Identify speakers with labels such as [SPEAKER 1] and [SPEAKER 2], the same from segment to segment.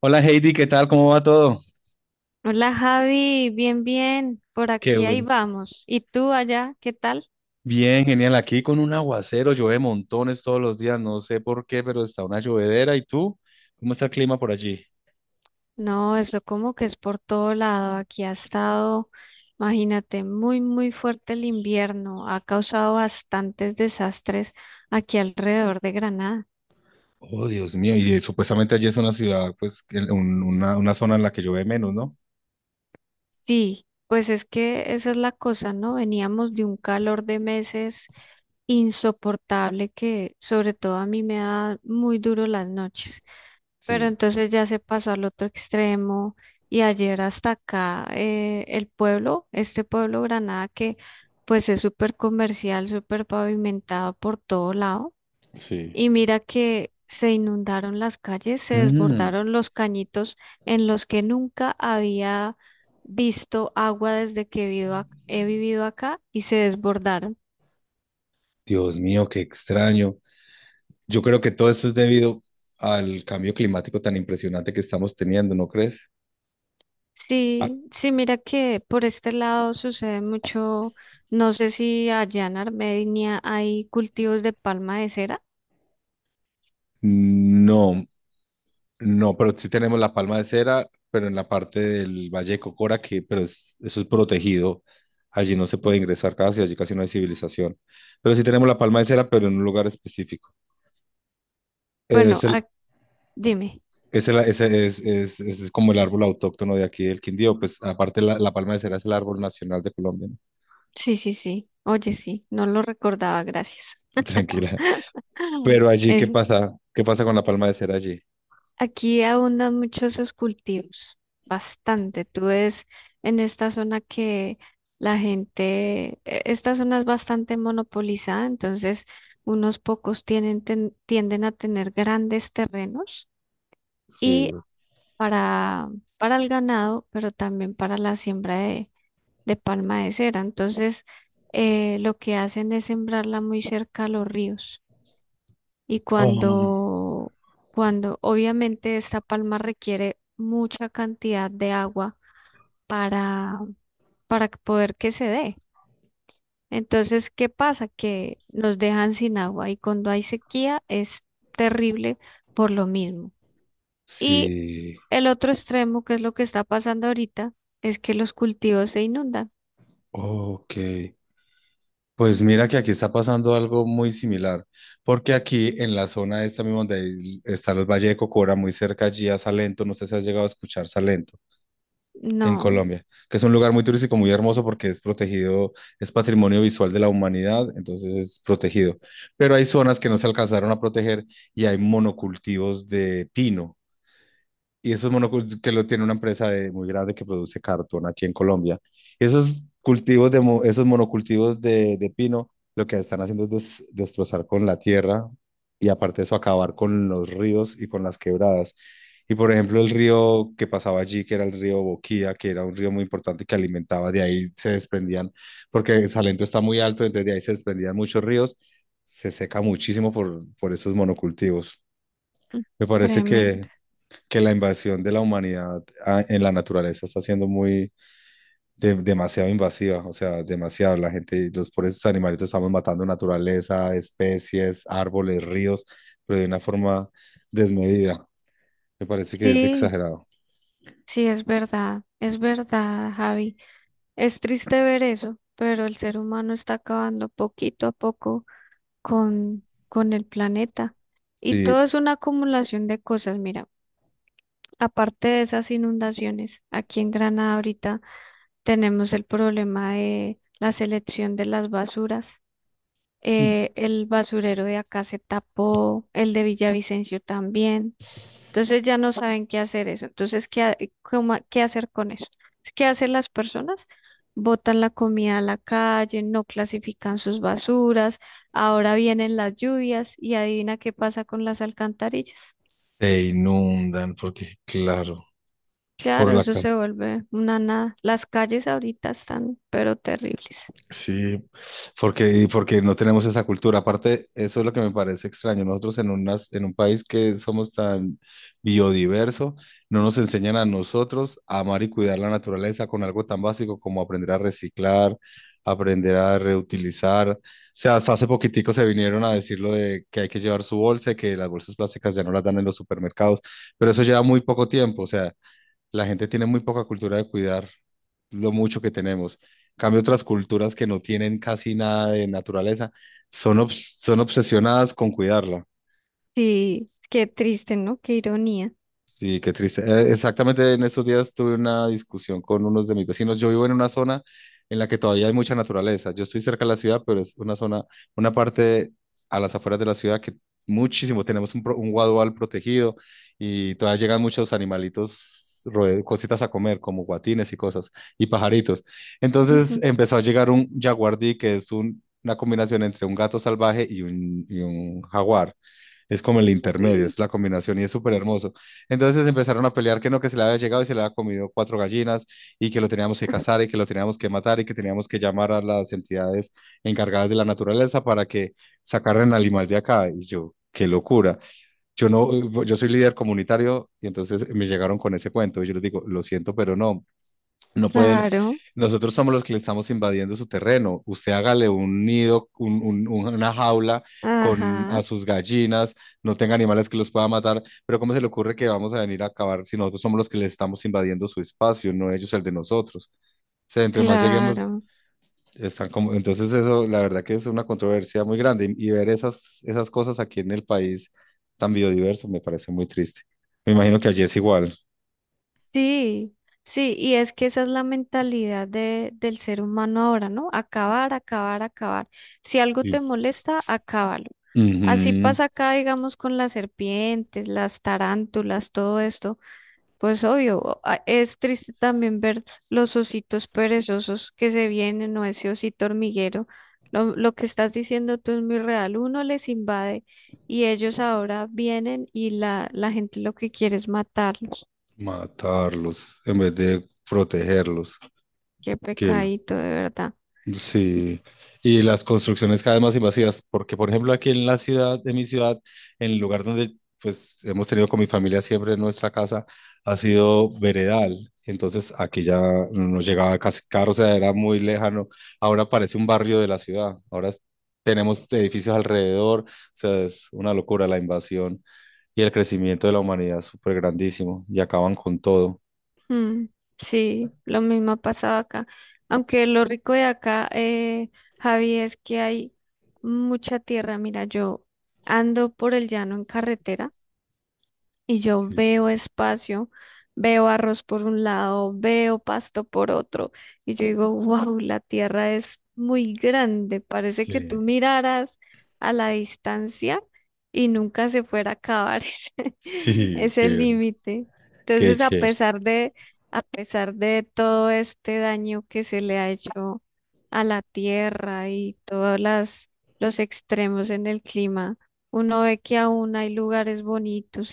[SPEAKER 1] Hola Heidi, ¿qué tal? ¿Cómo va todo?
[SPEAKER 2] Hola Javi, bien, bien, por
[SPEAKER 1] Qué
[SPEAKER 2] aquí ahí
[SPEAKER 1] bueno.
[SPEAKER 2] vamos. ¿Y tú allá, qué tal?
[SPEAKER 1] Bien, genial. Aquí con un aguacero, llueve montones todos los días, no sé por qué, pero está una llovedera. ¿Y tú? ¿Cómo está el clima por allí?
[SPEAKER 2] No, eso como que es por todo lado. Aquí ha estado, imagínate, muy, muy fuerte el invierno. Ha causado bastantes desastres aquí alrededor de Granada.
[SPEAKER 1] Oh, Dios mío, y supuestamente allí es una ciudad, pues, una zona en la que llueve menos, ¿no?
[SPEAKER 2] Sí, pues es que esa es la cosa, ¿no? Veníamos de un calor de meses insoportable que sobre todo a mí me da muy duro las noches. Pero
[SPEAKER 1] Sí,
[SPEAKER 2] entonces ya se pasó al otro extremo y ayer hasta acá el pueblo, este pueblo Granada que pues es súper comercial, súper pavimentado por todo lado.
[SPEAKER 1] sí.
[SPEAKER 2] Y mira que se inundaron las calles, se
[SPEAKER 1] Mm.
[SPEAKER 2] desbordaron los cañitos en los que nunca había visto agua desde que vivo he vivido acá y se desbordaron.
[SPEAKER 1] Dios mío, qué extraño. Yo creo que todo esto es debido al cambio climático tan impresionante que estamos teniendo, ¿no crees? Ah,
[SPEAKER 2] Sí, sí, mira que por este lado sucede mucho, no sé si allá en Armenia hay cultivos de palma de cera.
[SPEAKER 1] no. No, pero sí tenemos la palma de cera, pero en la parte del Valle de Cocora, que eso es protegido. Allí no se puede ingresar casi, allí casi no hay civilización. Pero sí tenemos la palma de cera, pero en un lugar específico.
[SPEAKER 2] Bueno,
[SPEAKER 1] Es el,
[SPEAKER 2] dime,
[SPEAKER 1] es como el árbol autóctono de aquí del Quindío. Pues aparte la palma de cera es el árbol nacional de Colombia, ¿no?
[SPEAKER 2] sí, sí, sí, oye, sí, no lo recordaba, gracias.
[SPEAKER 1] Tranquila. Pero allí, ¿qué
[SPEAKER 2] Es-
[SPEAKER 1] pasa? ¿Qué pasa con la palma de cera allí?
[SPEAKER 2] Aquí abundan muchos esos cultivos, bastante. Tú ves en esta zona que esta zona es bastante monopolizada, entonces unos pocos tienden a tener grandes terrenos
[SPEAKER 1] Sí.
[SPEAKER 2] y para, para el ganado, pero también para la siembra de palma de cera. Entonces, lo que hacen es sembrarla muy cerca a los ríos. Y
[SPEAKER 1] Oh,
[SPEAKER 2] cuando, cuando obviamente esta palma requiere mucha cantidad de agua para, para que poder que se dé. Entonces, ¿qué pasa? Que nos dejan sin agua y cuando hay sequía es terrible por lo mismo. Y
[SPEAKER 1] sí.
[SPEAKER 2] el otro extremo, que es lo que está pasando ahorita, es que los cultivos se inundan.
[SPEAKER 1] Ok. Pues mira que aquí está pasando algo muy similar, porque aquí en la zona esta misma está el Valle de Cocora, muy cerca allí a Salento, no sé si has llegado a escuchar Salento en
[SPEAKER 2] No,
[SPEAKER 1] Colombia, que es un lugar muy turístico, muy hermoso porque es protegido, es patrimonio visual de la humanidad, entonces es protegido. Pero hay zonas que no se alcanzaron a proteger y hay monocultivos de pino. Y esos es que lo tiene muy grande que produce cartón aquí en Colombia. Esos esos monocultivos de pino, lo que están haciendo es destrozar con la tierra y aparte de eso acabar con los ríos y con las quebradas. Y por ejemplo, el río que pasaba allí, que era el río Boquía, que era un río muy importante que alimentaba, de ahí se desprendían, porque Salento está muy alto, entonces de ahí se desprendían muchos ríos, se seca muchísimo por esos monocultivos.
[SPEAKER 2] mm,
[SPEAKER 1] Me parece
[SPEAKER 2] tremendo.
[SPEAKER 1] que la invasión de la humanidad en la naturaleza está siendo muy demasiado invasiva, o sea, demasiado. La gente, los pobres animalitos estamos matando naturaleza, especies, árboles, ríos, pero de una forma desmedida. Me parece que es
[SPEAKER 2] Sí,
[SPEAKER 1] exagerado.
[SPEAKER 2] sí, es verdad, Javi. Es triste ver eso, pero el ser humano está acabando poquito a poco con el planeta. Y
[SPEAKER 1] Sí,
[SPEAKER 2] todo es una acumulación de cosas, mira. Aparte de esas inundaciones, aquí en Granada ahorita tenemos el problema de la selección de las basuras. El basurero de acá se tapó, el de Villavicencio también. Entonces ya no saben qué hacer eso. Entonces, ¿ qué hacer con eso? ¿Qué hacen las personas? Botan la comida a la calle, no clasifican sus basuras, ahora vienen las lluvias y adivina qué pasa con las alcantarillas.
[SPEAKER 1] te inundan porque, claro, por
[SPEAKER 2] Claro,
[SPEAKER 1] la,
[SPEAKER 2] eso
[SPEAKER 1] ca-
[SPEAKER 2] se vuelve una nada. Las calles ahorita están, pero terribles.
[SPEAKER 1] sí, porque, y porque no tenemos esa cultura. Aparte, eso es lo que me parece extraño. Nosotros en un país que somos tan biodiverso, no nos enseñan a nosotros a amar y cuidar la naturaleza con algo tan básico como aprender a reciclar, aprender a reutilizar. O sea, hasta hace poquitico se vinieron a decir lo de que hay que llevar su bolsa, y que las bolsas plásticas ya no las dan en los supermercados, pero eso lleva muy poco tiempo. O sea, la gente tiene muy poca cultura de cuidar lo mucho que tenemos. En cambio, otras culturas que no tienen casi nada de naturaleza son obsesionadas con cuidarla.
[SPEAKER 2] Sí, qué triste, ¿no? Qué ironía.
[SPEAKER 1] Sí, qué triste. Exactamente en estos días tuve una discusión con unos de mis vecinos. Yo vivo en una zona en la que todavía hay mucha naturaleza. Yo estoy cerca de la ciudad, pero es una zona, una parte a las afueras de la ciudad que muchísimo, tenemos un guadual protegido y todavía llegan muchos animalitos, cositas a comer, como guatines y cosas, y pajaritos. Entonces
[SPEAKER 2] Ujú.
[SPEAKER 1] empezó a llegar un jaguardí, que es una combinación entre un gato salvaje y y un jaguar. Es como el intermedio,
[SPEAKER 2] Uy,
[SPEAKER 1] es la combinación y es súper hermoso. Entonces empezaron a pelear que no, que se le había llegado y se le había comido cuatro gallinas y que lo teníamos que cazar y que lo teníamos que matar y que teníamos que llamar a las entidades encargadas de la naturaleza para que sacaran al animal de acá. Y yo, qué locura. Yo no, yo soy líder comunitario y entonces me llegaron con ese cuento y yo les digo, lo siento, pero no. No pueden,
[SPEAKER 2] claro.
[SPEAKER 1] nosotros somos los que le estamos invadiendo su terreno. Usted hágale un nido, una jaula con a
[SPEAKER 2] Ajá,
[SPEAKER 1] sus gallinas, no tenga animales que los pueda matar, pero ¿cómo se le ocurre que vamos a venir a acabar si nosotros somos los que le estamos invadiendo su espacio, no ellos el de nosotros? O sea, entre más lleguemos,
[SPEAKER 2] claro,
[SPEAKER 1] están como, entonces eso, la verdad que es una controversia muy grande y ver esas cosas aquí en el país tan biodiverso me parece muy triste. Me imagino que allí es igual.
[SPEAKER 2] sí, sí, y es que esa es la mentalidad de, del ser humano ahora, ¿no? Acabar, acabar, acabar. Si algo
[SPEAKER 1] Sí.
[SPEAKER 2] te molesta, acábalo. Así
[SPEAKER 1] Ujú.
[SPEAKER 2] pasa acá, digamos, con las serpientes, las tarántulas, todo esto. Pues obvio, es triste también ver los ositos perezosos que se vienen o ese osito hormiguero. Lo que estás diciendo tú es muy real. Uno les invade y ellos ahora vienen y la gente lo que quiere es matarlos.
[SPEAKER 1] Matarlos en vez de protegerlos.
[SPEAKER 2] Qué
[SPEAKER 1] Que lo-
[SPEAKER 2] pecadito, de verdad.
[SPEAKER 1] sí. Y las construcciones cada vez más invasivas, porque por ejemplo aquí en la ciudad, de mi ciudad, en el lugar donde pues hemos tenido con mi familia siempre nuestra casa, ha sido veredal. Entonces aquí ya nos llegaba casi carro, o sea, era muy lejano. Ahora parece un barrio de la ciudad. Tenemos edificios alrededor, o sea, es una locura la invasión y el crecimiento de la humanidad es súper grandísimo y acaban con todo.
[SPEAKER 2] Mm, sí, lo mismo ha pasado acá. Aunque lo rico de acá, Javi, es que hay mucha tierra. Mira, yo ando por el llano en carretera y yo veo espacio, veo arroz por un lado, veo pasto por otro, y yo digo, wow, la tierra es muy grande, parece que
[SPEAKER 1] Sí,
[SPEAKER 2] tú miraras a la distancia y nunca se fuera a acabar ese,
[SPEAKER 1] sí,
[SPEAKER 2] ese
[SPEAKER 1] qué,
[SPEAKER 2] límite.
[SPEAKER 1] qué
[SPEAKER 2] Entonces,
[SPEAKER 1] chévere.
[SPEAKER 2] a pesar de todo este daño que se le ha hecho a la tierra y todos los extremos en el clima, uno ve que aún hay lugares bonitos,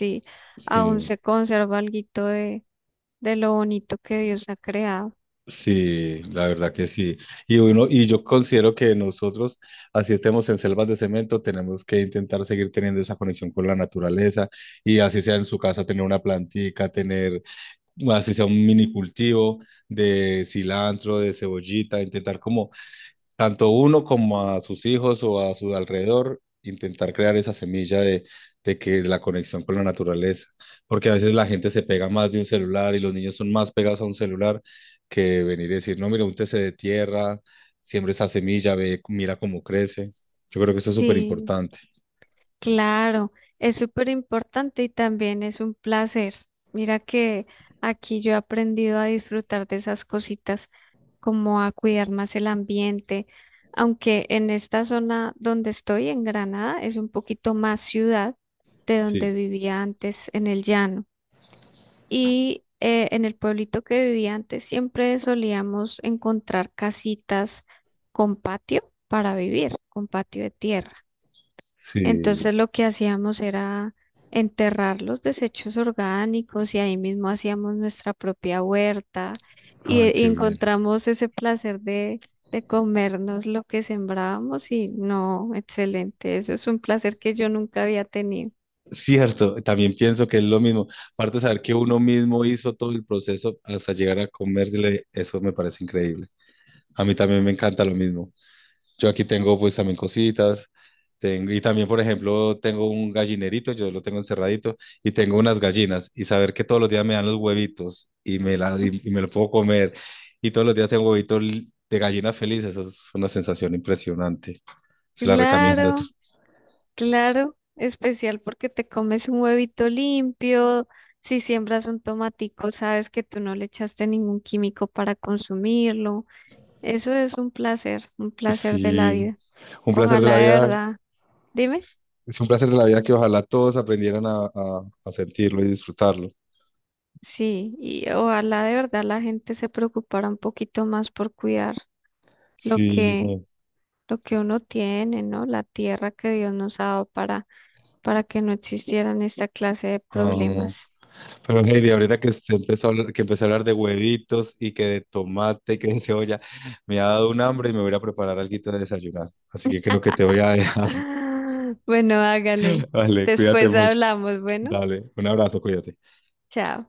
[SPEAKER 2] aún
[SPEAKER 1] Sí,
[SPEAKER 2] se conserva alguito de lo bonito que Dios ha creado.
[SPEAKER 1] sí, la verdad que sí. Y uno, y yo considero que nosotros, así estemos en selvas de cemento, tenemos que intentar seguir teniendo esa conexión con la naturaleza y así sea en su casa tener una plantica, tener, así sea un mini cultivo de cilantro, de cebollita, intentar como tanto uno como a sus hijos o a su alrededor, intentar crear esa semilla de que de la conexión con la naturaleza, porque a veces la gente se pega más de un celular y los niños son más pegados a un celular que venir y decir, no, mira, úntese de tierra, siembra esa semilla, ve, mira cómo crece. Yo creo que eso es súper
[SPEAKER 2] Sí,
[SPEAKER 1] importante.
[SPEAKER 2] claro, es súper importante y también es un placer. Mira que aquí yo he aprendido a disfrutar de esas cositas, como a cuidar más el ambiente, aunque en esta zona donde estoy, en Granada, es un poquito más ciudad de donde
[SPEAKER 1] Sí,
[SPEAKER 2] vivía antes en el llano. Y en el pueblito que vivía antes siempre solíamos encontrar casitas con patio para vivir, con patio de tierra.
[SPEAKER 1] sí.
[SPEAKER 2] Entonces lo que hacíamos era enterrar los desechos orgánicos y ahí mismo hacíamos nuestra propia huerta
[SPEAKER 1] Ay,
[SPEAKER 2] y
[SPEAKER 1] qué bien.
[SPEAKER 2] encontramos ese placer de comernos lo que sembrábamos y no, excelente, eso es un placer que yo nunca había tenido.
[SPEAKER 1] Cierto, también pienso que es lo mismo. Aparte de saber que uno mismo hizo todo el proceso hasta llegar a comérsele, eso me parece increíble. A mí también me encanta lo mismo. Yo aquí tengo pues también cositas. Tengo, y también, por ejemplo, tengo un gallinerito, yo lo tengo encerradito, y tengo unas gallinas. Y saber que todos los días me dan los huevitos y me lo puedo comer. Y todos los días tengo de gallina feliz. Eso es una sensación impresionante. Se la recomiendo.
[SPEAKER 2] Claro. Claro, especial porque te comes un huevito limpio, si siembras un tomatico, sabes que tú no le echaste ningún químico para consumirlo. Eso es un placer de la
[SPEAKER 1] Sí,
[SPEAKER 2] vida.
[SPEAKER 1] un placer de la
[SPEAKER 2] Ojalá de
[SPEAKER 1] vida.
[SPEAKER 2] verdad, dime,
[SPEAKER 1] Es un placer de la vida que ojalá todos aprendieran a sentirlo y disfrutarlo.
[SPEAKER 2] sí, y ojalá de verdad la gente se preocupara un poquito más por cuidar lo
[SPEAKER 1] Sí,
[SPEAKER 2] que,
[SPEAKER 1] no.
[SPEAKER 2] lo que uno tiene, ¿no? La tierra que Dios nos ha dado para que no existieran esta clase de
[SPEAKER 1] Ajá.
[SPEAKER 2] problemas.
[SPEAKER 1] Pero Heidi, ahorita que usted empezó a hablar, que empezó a hablar de huevitos y que de tomate y que de cebolla, me ha dado un hambre y me voy a ir a preparar algo de desayunar. Así que creo que te voy a dejar.
[SPEAKER 2] Bueno, hágale.
[SPEAKER 1] Vale, cuídate
[SPEAKER 2] Después
[SPEAKER 1] mucho.
[SPEAKER 2] hablamos. Bueno,
[SPEAKER 1] Dale, un abrazo, cuídate.
[SPEAKER 2] chao.